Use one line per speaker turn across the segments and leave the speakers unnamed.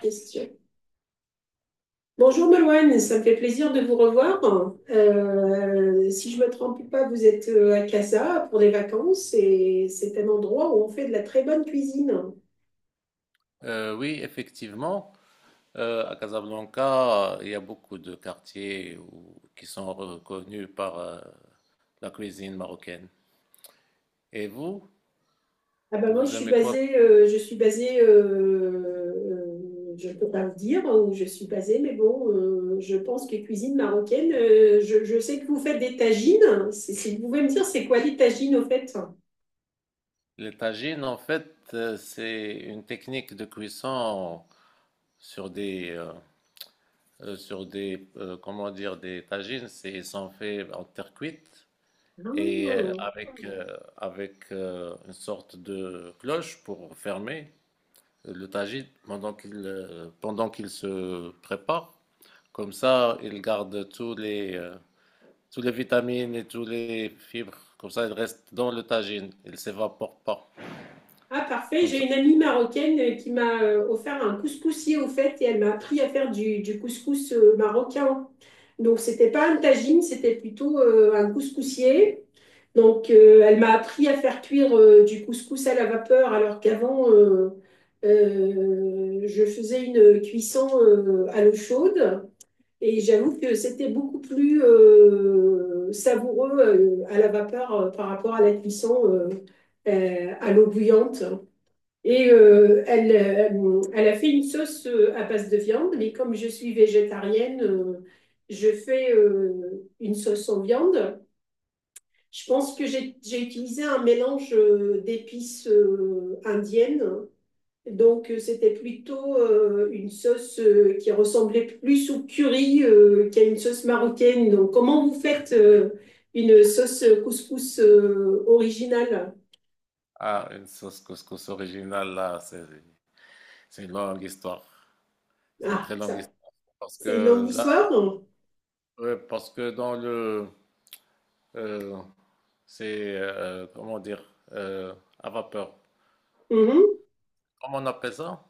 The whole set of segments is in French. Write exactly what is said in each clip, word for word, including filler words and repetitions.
Question. Bonjour Meloine, ça me fait plaisir de vous revoir. Euh, si je ne me trompe pas, vous êtes euh, à Casa pour des vacances et c'est un endroit où on fait de la très bonne cuisine.
Euh, oui, Effectivement, euh, à Casablanca, il y a beaucoup de quartiers où- qui sont reconnus par euh, la cuisine marocaine. Et vous,
Ah ben moi, je
vous
suis
aimez quoi?
basée, euh, je suis basée, euh, euh, je ne peux pas le dire où je suis basée, mais bon, euh, je pense que cuisine marocaine, euh, je, je sais que vous faites des tagines. C'est- Si vous pouvez me dire, c'est quoi les tagines au fait?
Les tagines, en fait, euh, c'est une technique de cuisson sur des, euh, euh, sur des, euh, comment dire, des tagines. C'est, ils sont faits en terre cuite et euh,
Ah.
avec, euh, avec euh, une sorte de cloche pour fermer le tagine pendant qu'il euh, pendant qu'il se prépare. Comme ça, il garde tous les euh, tous les vitamines et tous les fibres. Comme ça, il reste dans le tagine. Il ne s'évapore pas.
Ah, parfait.
Comme
J'ai
ça.
une amie marocaine euh, qui m'a euh, offert un couscoussier au fait et elle m'a appris à faire du, du couscous euh, marocain. Donc, c'était pas un tagine, c'était plutôt euh, un couscoussier. Donc, euh, elle m'a appris à faire cuire euh, du couscous à la vapeur alors qu'avant, euh, euh, je faisais une cuisson euh, à l'eau chaude. Et j'avoue que c'était beaucoup plus euh, savoureux euh, à la vapeur euh, par rapport à la cuisson euh, euh, à l'eau bouillante. Et euh, elle, elle, elle a fait une sauce euh, à base de viande, mais comme je suis végétarienne, euh, je fais euh, une sauce en viande. Je pense que j'ai j'ai utilisé un mélange euh, d'épices euh, indiennes. Donc, euh, c'était plutôt euh, une sauce euh, qui ressemblait plus au curry euh, qu'à une sauce marocaine. Donc, comment vous faites euh, une sauce couscous euh, originale?
Ah, une sauce couscous originale là, c'est c'est une longue histoire. C'est une
Ah,
très longue
ça,
histoire parce
c'est une longue
que là,
histoire.
ouais, parce que dans le euh, c'est euh, comment dire, euh, à vapeur.
Mhm.
Comment on appelle ça?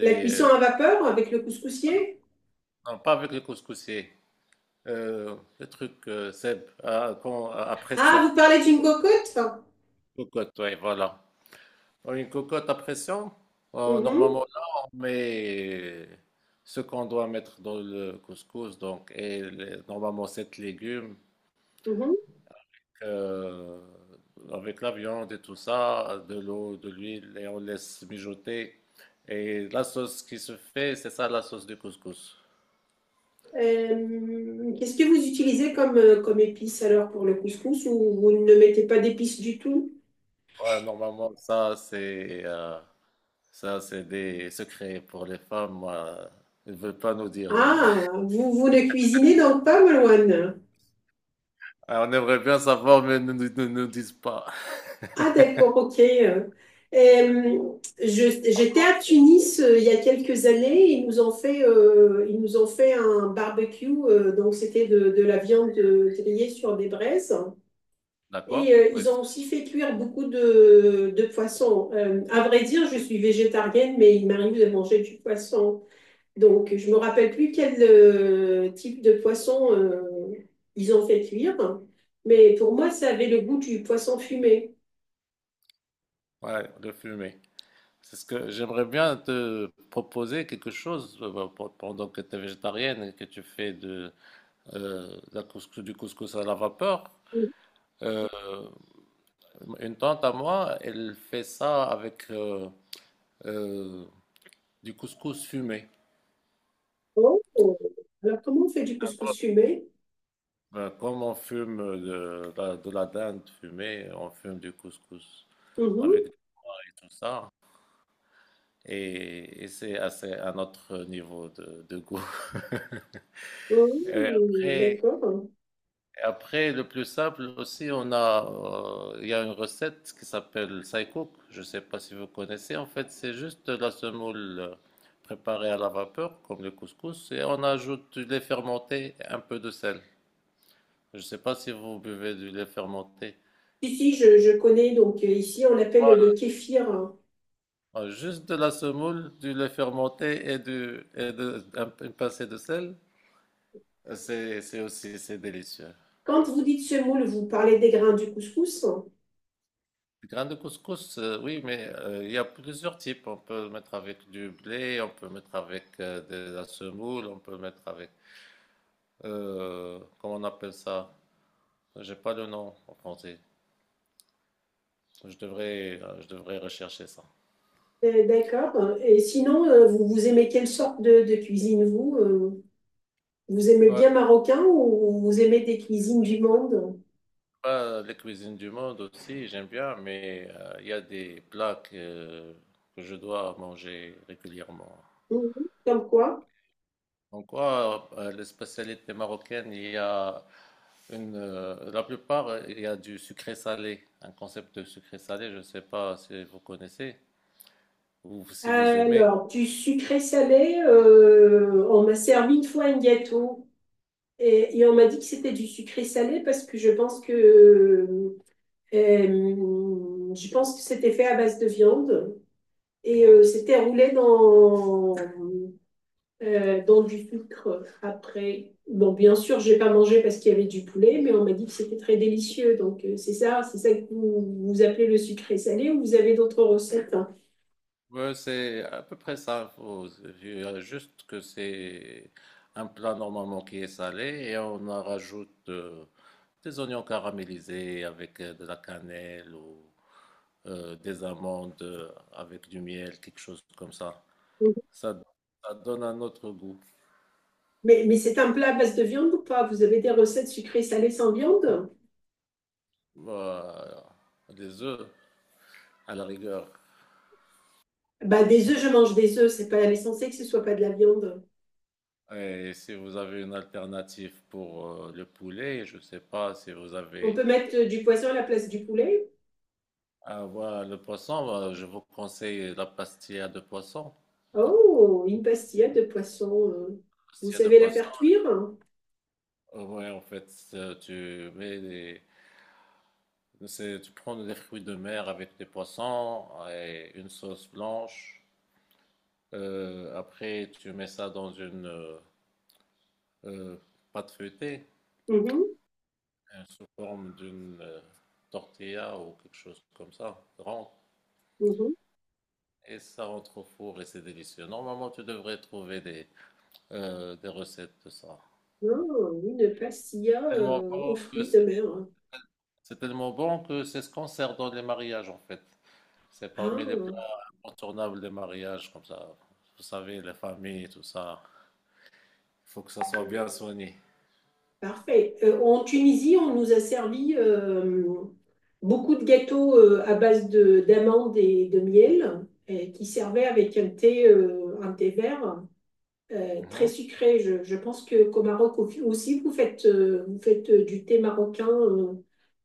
La cuisson
euh,
à vapeur avec le couscoussier.
Non, non, pas avec les couscoussiers. Euh, le truc, euh, Seb, à, quand- à- à pression.
Ah, vous parlez d'une cocotte?
Cocotte, oui, voilà. Oh, une cocotte à pression. Oh,
Mhm,
normalement, là, on met ce qu'on doit mettre dans le couscous, donc, et les- normalement, sept légumes,
mhm.
euh, avec la viande et tout ça, de l'eau, de l'huile, et on laisse mijoter. Et la sauce qui se fait, c'est ça, la sauce du couscous.
Euh, qu'est-ce que vous utilisez comme, euh, comme épice alors pour le couscous ou vous ne mettez pas d'épices du tout?
Ouais, normalement, ça, c'est. euh, Ça, c'est des secrets pour les femmes. Moi, ils ne veulent pas nous dire. Non.
Ah, vous, vous ne cuisinez donc pas, Malouane?
Alors, on aimerait bien savoir, mais ils ne nous, nous- nous disent pas.
Ah, d'accord, ok. Euh, je- J'étais à Tunis euh, il y a quelques années. Ils nous ont fait, euh, ils nous ont fait un barbecue. Euh, donc, c'était de, de la viande euh, grillée sur des braises. Et
D'accord?
euh,
Oui.
ils
c'est-
ont aussi fait cuire beaucoup de, de poissons. Euh, à vrai dire, je suis végétarienne, mais il m'arrive de manger du poisson. Donc, je me rappelle plus quel euh, type de poisson euh, ils ont fait cuire, mais pour moi, ça avait le goût du poisson fumé.
Ouais, le fumet. C'est ce que j'aimerais bien te proposer quelque chose, euh, pe- pendant que tu es végétarienne et que tu fais de, euh, de la couscous- du couscous à la vapeur. Euh, une tante à moi, elle fait ça avec euh, euh, du couscous fumé.
Oh. Alors, comment on fait du couscous fumé?
Ben, comme on fume de la, de la dinde fumée, on fume du couscous avec
Mhm.
tout ça. Et, et c'est assez un autre niveau de, de goût.
Oh,
Et après,
d'accord.
et après, le plus simple aussi, on a, euh, il y a une recette qui s'appelle Saïkouk. Je ne sais pas si vous connaissez. En fait, c'est juste de la semoule euh, préparée à la vapeur, comme le couscous, et on ajoute du lait fermenté et un peu de sel. Je ne sais pas si vous buvez du lait fermenté.
Ici, je, je connais, donc euh, ici, on l'appelle le kéfir.
Ah, juste de la semoule, du lait fermenté et, du, et de, un- une pincée de sel, c'est c'est aussi c'est délicieux.
Quand vous dites semoule, vous parlez des grains du couscous?
Du grain de couscous, euh, oui, mais euh, il y a plusieurs types. On peut le mettre avec du blé, on peut mettre avec euh, de la semoule, on peut mettre avec… euh, comment on appelle ça? J'ai pas le nom en français. Je devrais, euh, je devrais rechercher ça.
Euh, D'accord. Et sinon, euh, vous, vous aimez quelle sorte de, de cuisine, vous? euh Vous aimez
Ouais,
bien
c'est
marocain ou vous aimez des cuisines du monde?
pas les cuisines du monde aussi, j'aime bien, mais euh, il y a des plats que, que je dois manger régulièrement.
Mhm. Comme quoi?
En quoi euh, les spécialités marocaines, il y a une, euh, la plupart, euh, il y a du sucré-salé, un concept de sucré-salé, je ne sais pas si vous connaissez ou si vous aimez.
Alors, du sucré salé, euh, on m'a servi une fois un gâteau et, et on m'a dit que c'était du sucré salé parce que je pense que, euh, euh, je pense que c'était fait à base de viande et euh, c'était roulé dans, euh, dans du sucre après. Bon, bien sûr, j'ai pas mangé parce qu'il y avait du poulet, mais on m'a dit que c'était très délicieux. Donc, euh, c'est ça, c'est ça que vous, vous appelez le sucré salé ou vous avez d'autres recettes? hein.
Ouais, c'est à peu près ça. Faut- il y a juste que c'est un plat normalement qui est salé et on en rajoute euh, des oignons caramélisés avec euh, de la cannelle ou euh, des amandes, euh, avec du miel, quelque chose comme ça. Ça, Ça donne un autre goût.
Mais, mais c'est un plat à base de viande ou pas? Vous avez des recettes sucrées salées sans viande?
Bah, des œufs, à la rigueur.
Bah, des œufs, je mange des œufs. C'est pas l'essentiel que ce soit pas de la viande.
Et si vous avez une alternative pour euh, le poulet, je ne sais pas si vous
On
avez.
peut mettre euh, du poisson à la place du poulet.
Ah, voilà, le poisson, bah, je vous conseille la pastilla de poisson.
Oh, une pastillade de poisson. Euh. Vous
Pastilla de
savez la faire
poisson.
cuire?
Euh, Ouais, en fait, euh, tu mets des. c'est- tu prends des fruits de mer avec des poissons et une sauce blanche. Euh, après, tu mets ça dans une euh, euh, pâte feuilletée,
Mhm,
euh, sous forme d'une, euh, tortilla ou quelque chose comme ça, rentre
mhm.
et ça rentre au four et c'est délicieux. Normalement, tu devrais trouver des, euh, des recettes de ça.
Oh, une pastilla
Tellement
euh,
bon
aux
que
fruits de
c'est
mer.
c'est tellement bon que c'est ce qu'on sert dans les mariages en fait. C'est parmi les plats
Ah.
incontournables des mariages comme ça. Vous savez, les familles, tout ça. Il faut que ça soit bien soigné.
Parfait. Euh, en Tunisie, on nous a servi euh, beaucoup de gâteaux euh, à base de d'amandes et de miel et qui servaient avec un thé, euh, un thé vert euh, très
Mhm.
sucré. Je, je pense que qu'au Maroc au- aussi, vous faites, euh, vous faites euh, du thé marocain euh,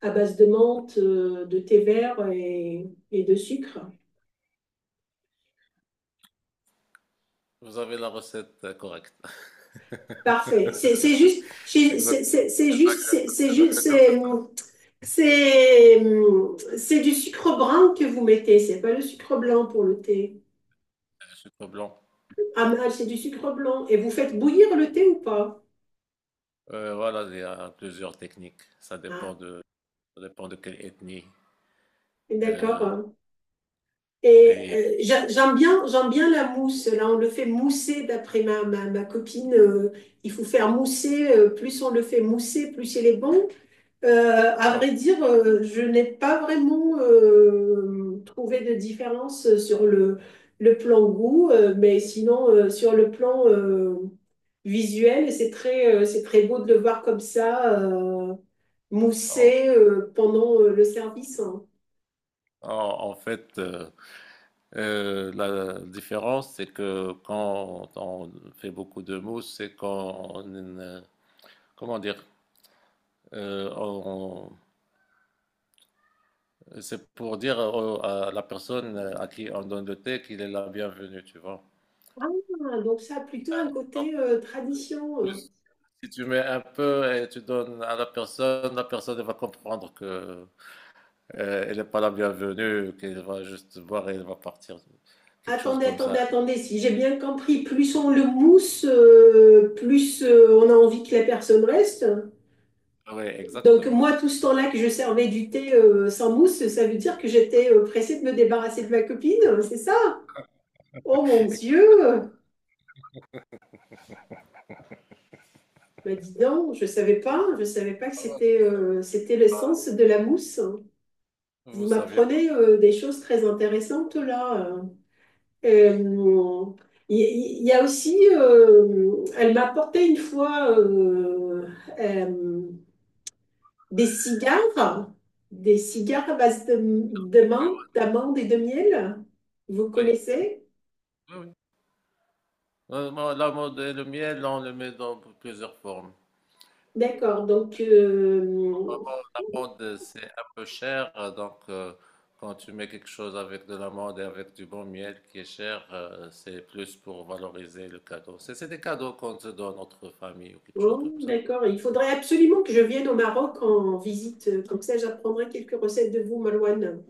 à base de menthe, euh, de thé vert et, et de sucre.
Vous avez la recette euh, correcte.
Parfait. C'est c'est juste,
C'est
chez- c'est
exactement
c'est- c'est
c'est ça
juste, c'est
que
c'est
les
juste,
ingrédients, c'est
C'est
ça.
C'est hum, c'est du sucre brun que vous mettez, c'est pas le sucre blanc pour le thé.
Du blanc.
Ah, mais ah, c'est du sucre blanc. Et vous faites bouillir le thé ou pas?
Euh, voilà, il y a plusieurs techniques. Ça dépend
Ah,
de, ça dépend de quelle ethnie. Euh,
d'accord. Et
et
euh, j'a- j'aime bien, j'aime bien la mousse. Là, on le fait mousser, d'après ma, ma, ma copine. Euh, il faut faire mousser. Euh, plus on le fait mousser, plus il est bon. Euh, à
donc,
vrai dire, euh, je n'ai pas vraiment euh, trouvé de différence sur le, le plan goût, euh, mais sinon, euh, sur le plan euh, visuel, c'est très, euh, c'est très beau de le voir comme ça, euh,
en,
moussé euh, pendant euh, le service. Hein.
en- en fait, euh, euh, la différence, c'est que quand on fait beaucoup de mousse, c'est qu'on, euh, comment dire, euh, on- c'est pour dire au- à la personne à qui on donne le thé qu'il est la bienvenue, tu vois.
Ah, donc ça a plutôt un
Donc,
côté euh, tradition. euh.
plus, si tu mets un peu et tu donnes à la personne, la personne elle va comprendre que, Euh, elle n'est pas la bienvenue, qu'elle va juste boire et elle va partir. Quelque chose
Attendez,
comme
attendez,
ça.
attendez. Si j'ai bien compris, plus on le mousse, euh, plus euh, on a envie que la personne reste.
Oui,
Donc
exactement.
moi, tout ce temps-là que je servais du thé euh, sans mousse, ça veut dire que j'étais euh, pressée de me débarrasser de ma copine, c'est ça? Oh mon Dieu! Bah dis donc, je savais pas, je savais pas que
Ah,
c'était euh, c'était l'essence de la mousse. Vous
vous savez pas.
m'apprenez euh, des choses très intéressantes là. euh. Euh, Il il- y, a aussi, euh, elle m'a apporté une fois euh, euh, des cigares, des cigares à base de, de menthe, d'amande et de miel. Vous
Oui,
connaissez?
oui, oui. Euh, moi, la mode et le miel, on le met dans plusieurs formes.
D'accord, donc, euh,
La mode, c'est un peu cher, euh, donc euh, quand tu mets quelque chose avec de l'amande et avec du bon miel qui est cher, euh, c'est plus pour valoriser le cadeau. C'est c'est des cadeaux qu'on se donne entre famille ou quelque chose
bon,
comme ça.
d'accord, il faudrait absolument que je vienne au Maroc en visite, comme ça j'apprendrai quelques recettes de vous, Malouane.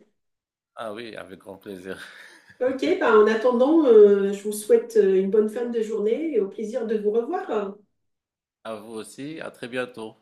Ah oui, avec grand plaisir.
Ok, bah, en attendant, euh, je vous souhaite euh, une bonne fin de journée et au plaisir de vous revoir.
À vous aussi, à très bientôt.